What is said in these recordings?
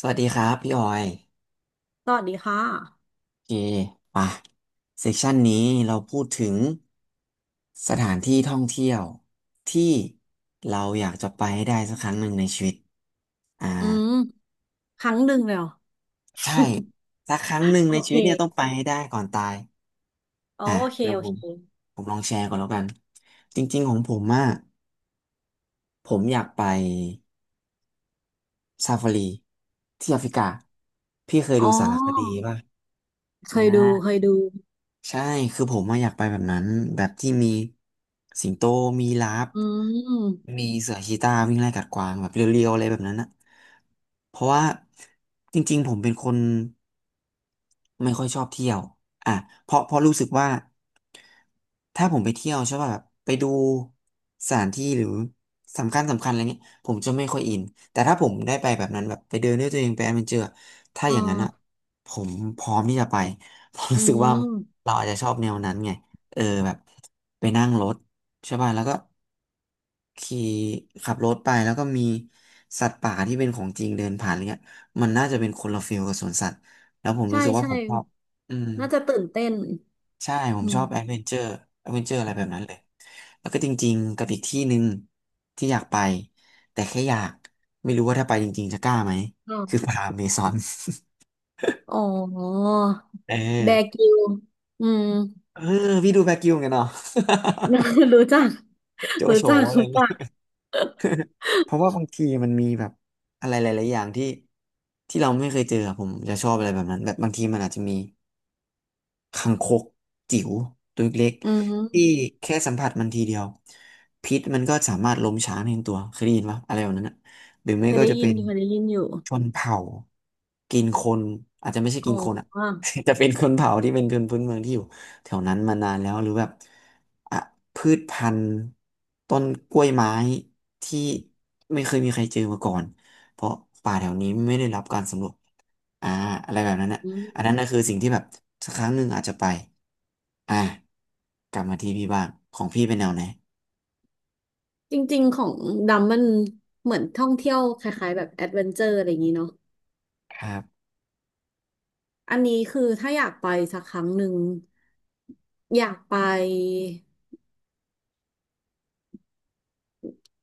สวัสดีครับพี่ออยสวัสดีค่ะ โอเคป่ะเซสชันนี้เราพูดถึงสถานที่ท่องเที่ยวที่เราอยากจะไปให้ได้สักครั้งหนึ่งในชีวิตอ่าอืมครั้งหนึ่งเลยเหรอ ใช่สักครั้งหนึ่ งโอในชีเควิตเนี่ยต้องไปให้ได้ก่อนตายอ๋ออ่ะโอเค เดี๋ยวโอผเค มผมลองแชร์ก่อนแล้วกันจริงๆของผมอะผมอยากไปซาฟารีที่แอฟริกาพี่เคยอ๋ดูสารคดีอ ป่ะเคอ่า ยดู เคยดู ใช่ คือผมมาอะอยากไปแบบนั้น แบบที่มีสิงโต มีลาฟ อืมมีเสือชีตาวิ่งไล่กัดกวางแบบเรียวๆอะไรแบบนั้นอะเพราะว่าจริงๆผมเป็นคนไม่ค่อยชอบเที่ยวอ่ะเพราะรู้สึกว่าถ้าผมไปเที่ยวใช่ป่ะแบบไปดูสถานที่หรือสำคัญสำคัญอะไรเงี้ยผมจะไม่ค่อยอินแต่ถ้าผมได้ไปแบบนั้นแบบไปเดินด้วยตัวเองไปแอดเวนเจอร์ถ้าอ่อย่างนั้นอะาผมพร้อมที่จะไป ผมอืรู้สึกว่ามเราอาจจะชอบแนวนั้นไงเออแบบไปนั่งรถใช่ป่ะแล้วก็ ขี่ขับรถไปแล้วก็มีสัตว์ป่าที่เป็นของจริงเดินผ่านอะไรเงี้ยมันน่าจะเป็นคนละฟิลกับสวนสัตว์แล้วผมใช่รู้สึกว่าใช่ผมชอบ อืมน่าจะตื่นเต้นใช่ ผอืมชอบแอดมเวนเจอร์แอดเวนเจอร์อะไรแบบนั้นเลย แล้วก็จริงๆกับอีกที่หนึ่งที่อยากไปแต่แค่อยากไม่รู้ว่าถ้าไปจริงๆจะกล้าไหมคืออ่าป่าอเมซอน อ๋อ เออแบร์กริลส์อืม เออพี่ดูแบคกิวเหมือนกันเนาะ รู้จัก โจรู้โฉจัก อะไรรู้อย่างงี้ จักเพราะว่าบางทีมันมีแบบอะไรหลายๆอย่างที่เราไม่เคยเจออะผมจะชอบอะไรแบบนั้นแบบบางทีมันอาจจะมี คังคกจิ๋วตัวเล็กอืๆที่มแค่สัมผัสมันทีเดียวพิษมันก็สามารถล้มช้างในตัวเคยได้ยินปะอะไรแบบนั้นนะหรือไม่เคยก็ได้จะยิเป็นนเคยได้ยินอยู่ชนเผ่ากินคนอาจจะไม่ใช่อ๋กินคนอ่ะ อ จะเป็นคนเผ่าที่เป็นคนพื้นเมืองที่อยู่แถวนั้นมานานแล้วหรือแบบอ่ะพืชพันธุ์ต้นกล้วยไม้ที่ไม่เคยมีใครเจอมาก่อนเพราะป่าแถวนี้ไม่ได้รับการสำรวจอ่าอะไรแบบนั้นนะ อือันมนั้นนะคือสิ่งที่แบบสักครั้งหนึ่งอาจจะไปอ่ะกลับมาที่พี่บ้างของพี่เป็นแนวไหนจริงๆ ของดำมันเหมือนท่องเที่ยวคล้ายๆแบบแอดเวนเจอร์อะไรอย่างนี้เนาะ ครับอันนี้คือถ้าอยากไปสักครั้งหนึ่งอยากไป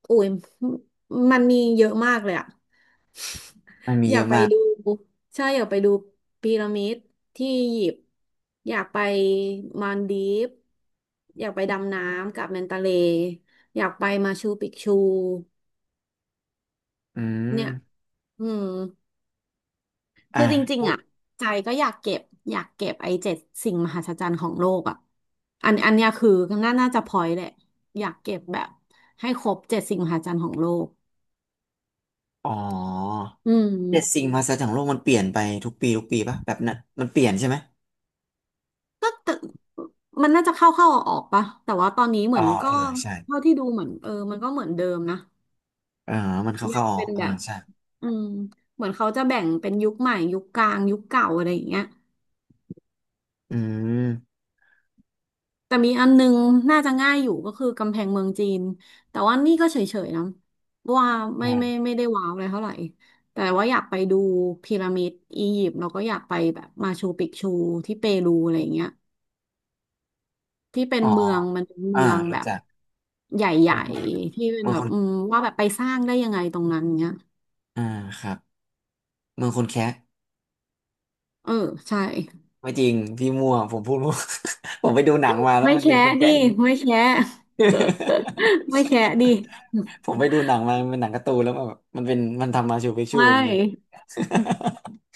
โอ้ยมันมีเยอะมากเลยอะมันมีอเยยากอะไปมากดูใช่อยากไปดูพีระมิดที่อียิปต์อยากไปมาลดีฟส์อยากไปดำน้ำกับแมนตาเลอยากไปมาชูปิกชูอืเนี่ยมอืม อ่ะคือจริงพูๆดอ่ะใจก็อยากเก็บอยากเก็บไอ้เจ็ดสิ่งมหัศจรรย์ของโลกอ่ะอันอันเนี้ยคือน่าน่าจะพอยแหละอยากเก็บแบบให้ครบเจ็ดสิ่งมหัศจรรย์ของโลกอ๋ออืมเจ็ดสิ่งมหัศจรรย์ของโลกมันเปลี่ยนไปทุกปีปะแบบนั้นมันเปลี่ยนใช่ไหมมันน่าจะเข้าเข้าออกออกๆปะแต่ว่าตอนนี้เหอ๋มืออนก็เออใช่เท่าที่ดูเหมือนเออมันก็เหมือนเดิมนะเออมันเข้ายัเข้างออเป็กนเออแบบใช่อืมเหมือนเขาจะแบ่งเป็นยุคใหม่ยุคกลางยุคเก่าอะไรอย่างเงี้ย อืมแต่มีอันนึงน่าจะง่ายอยู่ก็คือกำแพงเมืองจีนแต่ว่านี่ก็เฉยๆนะว่าอืไม่มไม่ไม่ได้ว้าวอะไรเท่าไหร่แต่ว่าอยากไปดูพีระมิดอียิปต์แล้วก็อยากไปแบบมาชูปิกชูที่เปรูอะไรอย่างเงี้ยที่เป็นอ๋อเมืองเป็นอ่าเมืองแบรู้บจักใหญ่ๆที่เป็นเมืองแบคบนว่าแบบไปสร้างได้ยังไงตรงนั้นเงี้ยอ่าครับเมืองคนแคะเออใช่ไม่จริงพี่มั่วผมพูดมั่ว ผมไปดูหนังมาแล้วไม่มันเป็นแชะคนดิแคะ ไม่แชะ ไม่แชะดิผมไปดูหนังมามันเป็นหนังการ์ตูนแล้วมันแบบมันเป็นมันทำมาชูพิกชูไม่เป็นเมือง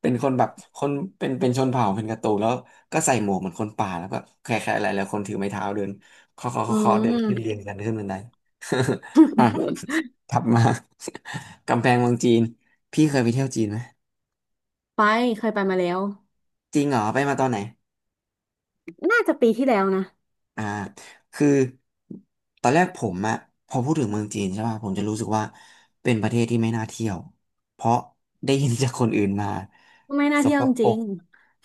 เป็นคนแบบคนเป็นชนเผ่าเป็นการ์ตูนแล้วก็ใส่หมวกเหมือนคนป่าแล้วก็แค่ๆอะไรแล้วคนถือไม้เท้าเดินเคาะเคาะอืเคาะเคาะเดินขึ้นเรียม งกันขึ้นบันได อ่ะ ถัดมา กำแพงเมืองจีนพี่เคยไปเที่ยวจีนไหมไปเคยไปมาแล้วจริงเหรอไปมาตอนไหน น่าจะปีที่แล้วนะอ่าคือตอนแรกผมอะพอพูดถึงเมืองจีนใช่ป่ะผมจะรู้สึกว่าเป็นประเทศที่ไม่น่าเที่ยวเพราะได้ยินจากคนอื่นมาไม่น่าสเที่ยกวปจรริกงๆ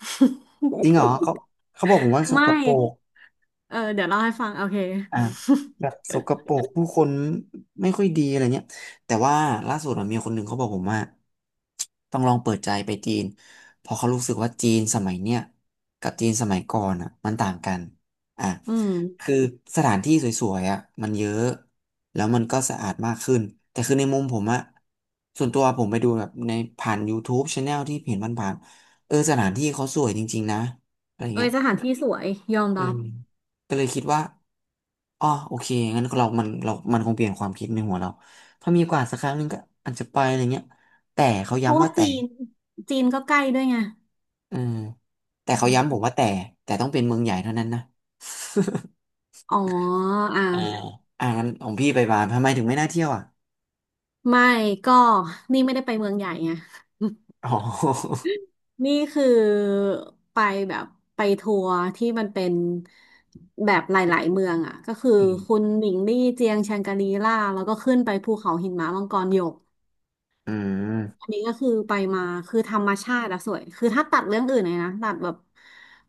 จริงเหรอเขาเขาบอกผมว่า สไม่กปรก เออเดี๋ยวเล่าให้ฟังโอเค อ่าแบบสกปรกผู้คนไม่ค่อยดีอะไรเงี้ยแต่ว่าล่าสุดอะมีคนหนึ่งเขาบอกผมว่าต้องลองเปิดใจไปจีนเพอเขารู้สึกว่าจีนสมัยเนี้ยกับจีนสมัยก่อนอ่ะมันต่างกันอ่ะ อืมคือสถานที่สวยๆอ่ะมันเยอะแล้วมันก็สะอาดมากขึ้นแต่คือในมุมผมอ่ะส่วนตัวผมไปดูแบบในผ่าน YouTube Channel ที่เห็นผ่านๆเออสถานที่เขาสวยจริงๆนะอะไรเอ้เงี้ยยสถานที่สวยยอมอืรับมก็เลยคิดว่า อ๋อโอเคงั้นเรามันคงเปลี่ยนความคิดในหัวเราถ้ามีโอกาสสักครั้งหนึ่งก็อาจจะไปอะไรเงี้ยแต่เขาเพราะย้ำว่าว่าแต่จีนก็ใกล้ด้วยไงเออแต่เขาอืย้ำมผมว่าแต่ต้องเป็นเมืองใหญ่เท่านั้นนะ อ๋ออ่ะอ่า อ่างั้นของพี่ไปบาหลีทำไมถึงไม่น่าเที่ยวอ่ะไม่ก็นี่ไม่ได้ไปเมืองใหญ่ไงอ๋อ นี่คือไปแบบไปทัวร์ที่มันเป็นแบบหลายๆเมืองอ่ะก็คืออืมคุณหมิงลี่เจียงแชงกรีล่าแล้วก็ขึ้นไปภูเขาหินหมามังกรหยก อือัมนนี้ก็คือไปมาคือธรรมชาติอะสวยคือถ้าตัดเรื่องอื่นเลยนะตัดแบบ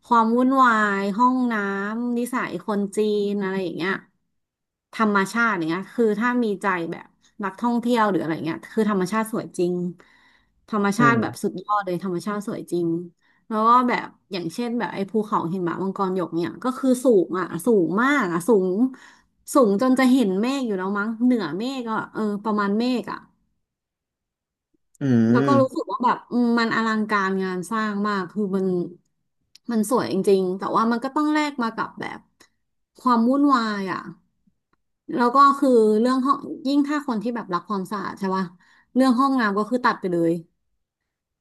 ความวุ่นวายห้องน้ำนิสัยคนจีนอะไรอย่างเงี้ยธรรมชาติอย่างเงี้ยคือถ้ามีใจแบบนักท่องเที่ยวหรืออะไรเงี้ยคือธรรมชาติสวยจริงธรรมอืชาติแบบมสุดยอดเลยธรรมชาติสวยจริงแล้วก็แบบอย่างเช่นแบบไอ้ภูเขาหิมะมังกรหยกเนี่ยก็คือสูงอ่ะสูงมากอ่ะสูงสูงจนจะเห็นเมฆอยู่แล้วมั้งเหนือเมฆอ่ะเออประมาณเมฆอ่ะ อืมแล้วก็รู้สึกว่าแบบมันอลังการงานสร้างมากคือมันสวยจริงๆแต่ว่ามันก็ต้องแลกมากับแบบความวุ่นวายอ่ะแล้วก็คือเรื่องห้องยิ่งถ้าคนที่แบบรักความสะอาดใช่ป่ะเรื่องห้องน้ำก็คือตัดไปเลย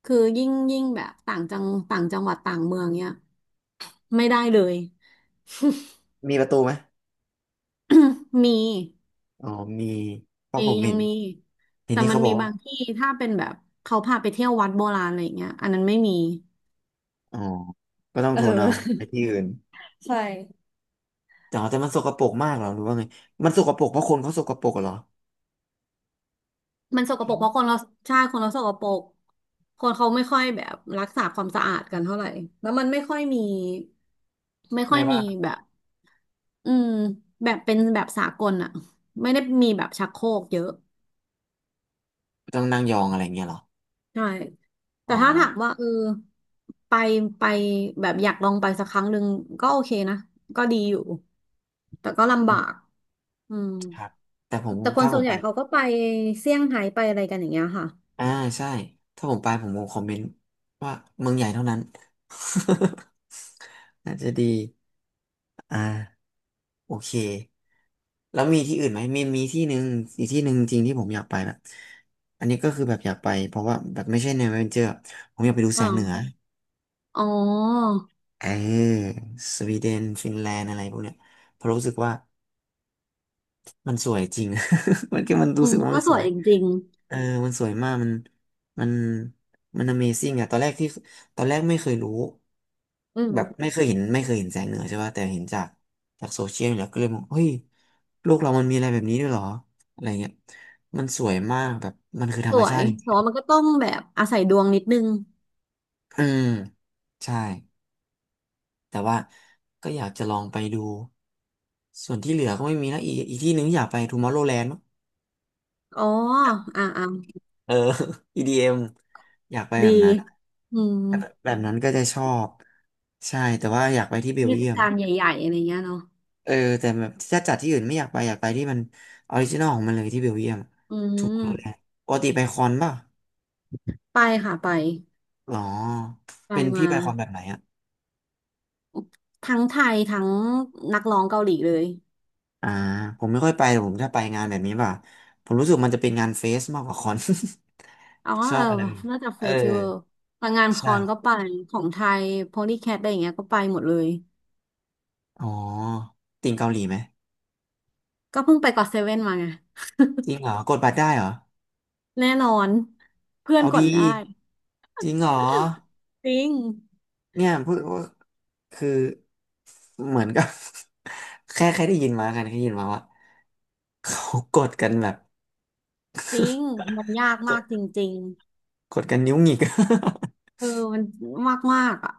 คือยิ่งแบบต่างจังหวัดต่างเมืองเนี้ยไม่ได้เลย มีประตูไหม มีอ๋อมีเพราะมีผมยัเห็งนมีเห็นแต่ที่มันเขาบมีอกว่าบางที่ถ้าเป็นแบบเขาพาไปเที่ยววัดโบราณอะไรอย่างเงี้ยอันนั้นไม่มีอ๋อก็ต้องเอทนเอาไปอ ที่อื่น ใช่ แต่มันสกปรกมากเหรอหรือว่าไง มันสกปรกเพราะคนเขาสกปรกเหรอ มันสกปรกเพราะคนเราใช่คนเราสกปรกคนเขาไม่ค่อยแบบรักษาความสะอาดกันเท่าไหร่แล้วมันไม่ค่อยมีไม่ค่อไม่ยว่ามีแบบอืมแบบเป็นแบบสากลอะไม่ได้มีแบบชักโครกเยอะต้องนั่งยองอะไรเงี้ยเหรอ ใช่อ๋แต่อถ้าถามว่าเออไปไปแบบอยากลองไปสักครั้งหนึ่งก็โอเคนะก็ดีอยู่แต่ก็ลำอืบากมอืมครับ แต่ผมแต่คนถ้าผส่วมนใหไป ญ่เขาก็ไปเซี่ยงไฮ้ไปอะไรกันอย่างเงี้ยค่ะอ่าใช่ ถ้าผมไปผมคงคอมเมนต์ว่าเมืองใหญ่เท่านั้น น่าจะดี อ่าโอเค แล้วมีที่อื่นไหม มีที่หนึ่งอีกที่หนึ่งจริงที่ผมอยากไปแบบอันนี้ก็คือแบบอยากไปเพราะว่าแบบไม่ใช่แนวแอดเวนเจอร์ผมอยากไปดูแสงเหนืออ่าอ๋อเออสวีเดนฟินแลนด์อะไรพวกเนี้ยเพราะรู้สึกว่ามันสวยจริง มันอืรู้สึมกว่าก็มันสสววยย จริง เออ มันสวยมาก มันมัน Amazing อะตอนแรกที่ตอนแรกไม่เคยรู้ อืแบบไม่มเคยเห็นแสงเหนือใช่ป่ะแต่เห็นจาก จากโซเชียลเนี่ยก็เลยมองเฮ้ยโลกเรามันมีอะไรแบบนี้ด้วยเหรอ อะไรเงี้ยมันสวยมากแบบ มันคือธรสรมวชายติจริแต่งว่ามันก็ต้องแบบอาศัยดวงนิดนึงๆอืม ใช่ แต่ว่า ก็อยากจะลองไปดู ส่วนที่เหลือก็ไม่มีนะ อีกที่หนึ่งอยากไปทูมอร์โรแลนด์มั้งอ๋ออ่าอ่าเออ EDM อมอยากไปแบดีบนั้นอืมแบบนั้นก็จะชอบใช่แต่ว่าอยากไปที่เบเทลศเยียม กาลใหญ่ๆอะไรเงี้ยเนาะเออแต่แบบถ้าจัดที่อื่นไม่อยากไปอยากไปที่มันออริจินอลของมันเลยที่เบลเยียมอืถูกมรู้ลยปกติไปคอนป่ะไปค่ะไปหรอไปเป็นพี่มาไปคอนแบบไหนอ่ะทั้งไทยทั้งนักร้องเกาหลีเลยอ่าผมไม่ค่อยไปแต่ผมถ้าไปงานแบบนี้ป่ะผมรู้สึกมันจะเป็นงานเฟสมากกว่าคอน อ๋อ ชอเอบออะไรแบบนี้น่าจะเอเฟอสติวัลแต่งานคอนก็ใช่ไปของไทยโพลีแคทอะไรอย่างเงี้ยก็ไปหมดเลยอ๋อติงเกาหลีไหมก็เพิ่งไปก็อตเซเว่นมาไงจริงเหรอกดบัตรได้เหรอแน่นอนเพื่อนเอากดีดได้จริงเหรอจริงเนี่ยพูดว่าคือเหมือนกับ แค่ได้ยินมากันแค่ได้ยินมาว่า เขากดกันแบบจริงมันยากกมากดจริง กดกันนิ้วหงิก เออมันมากมากอ่ะ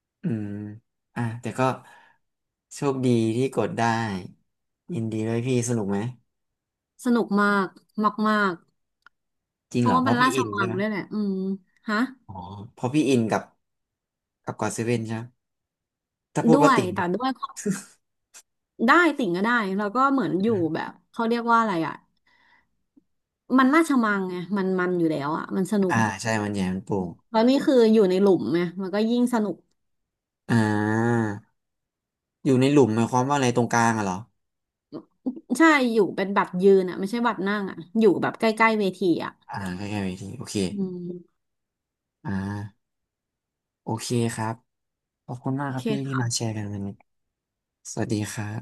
อืมอ่ะแต่ก็โชคดีที่กดได้ยินดีด้วยพี่สนุกไหมสนุกมากมากมากจริเพงเหรราะอว่าเพมันราะพี่ราชอินมัใช่งไหมด้วยแหละอืมฮะอ๋อเพราะพี่อินกับกับกอดเซเว่นใช่ไหมถ้าพูดด้ว่าวยติ่งแต่กัด้วบยได้ติ่งก็ได้แล้วก็เหมือนอยู่แบบเขาเรียกว่าอะไรอ่ะมันราชมังไงมันอยู่แล้วอ่ะมันสนุอ่ากใช่มันใหญ่มันโปร่งแล้วนี่คืออยู่ในหลุมไงมันก็ยิ่งสนุกอ่าอยู่ในหลุมหมายความว่าอะไรตรงกลางอะเหรอใช่อยู่เป็นบัตรยืนอ่ะไม่ใช่บัตรนั่งอ่ะอยู่แบบใกล้ๆเวทีอ่ะอ่าใกล้ๆเวทีโอเคอืมอ่าโอเคครับขอบคุณมาโอกครัเคบพี่ที่มาค่ะแชร์กันวันนี้สวัสดีครับ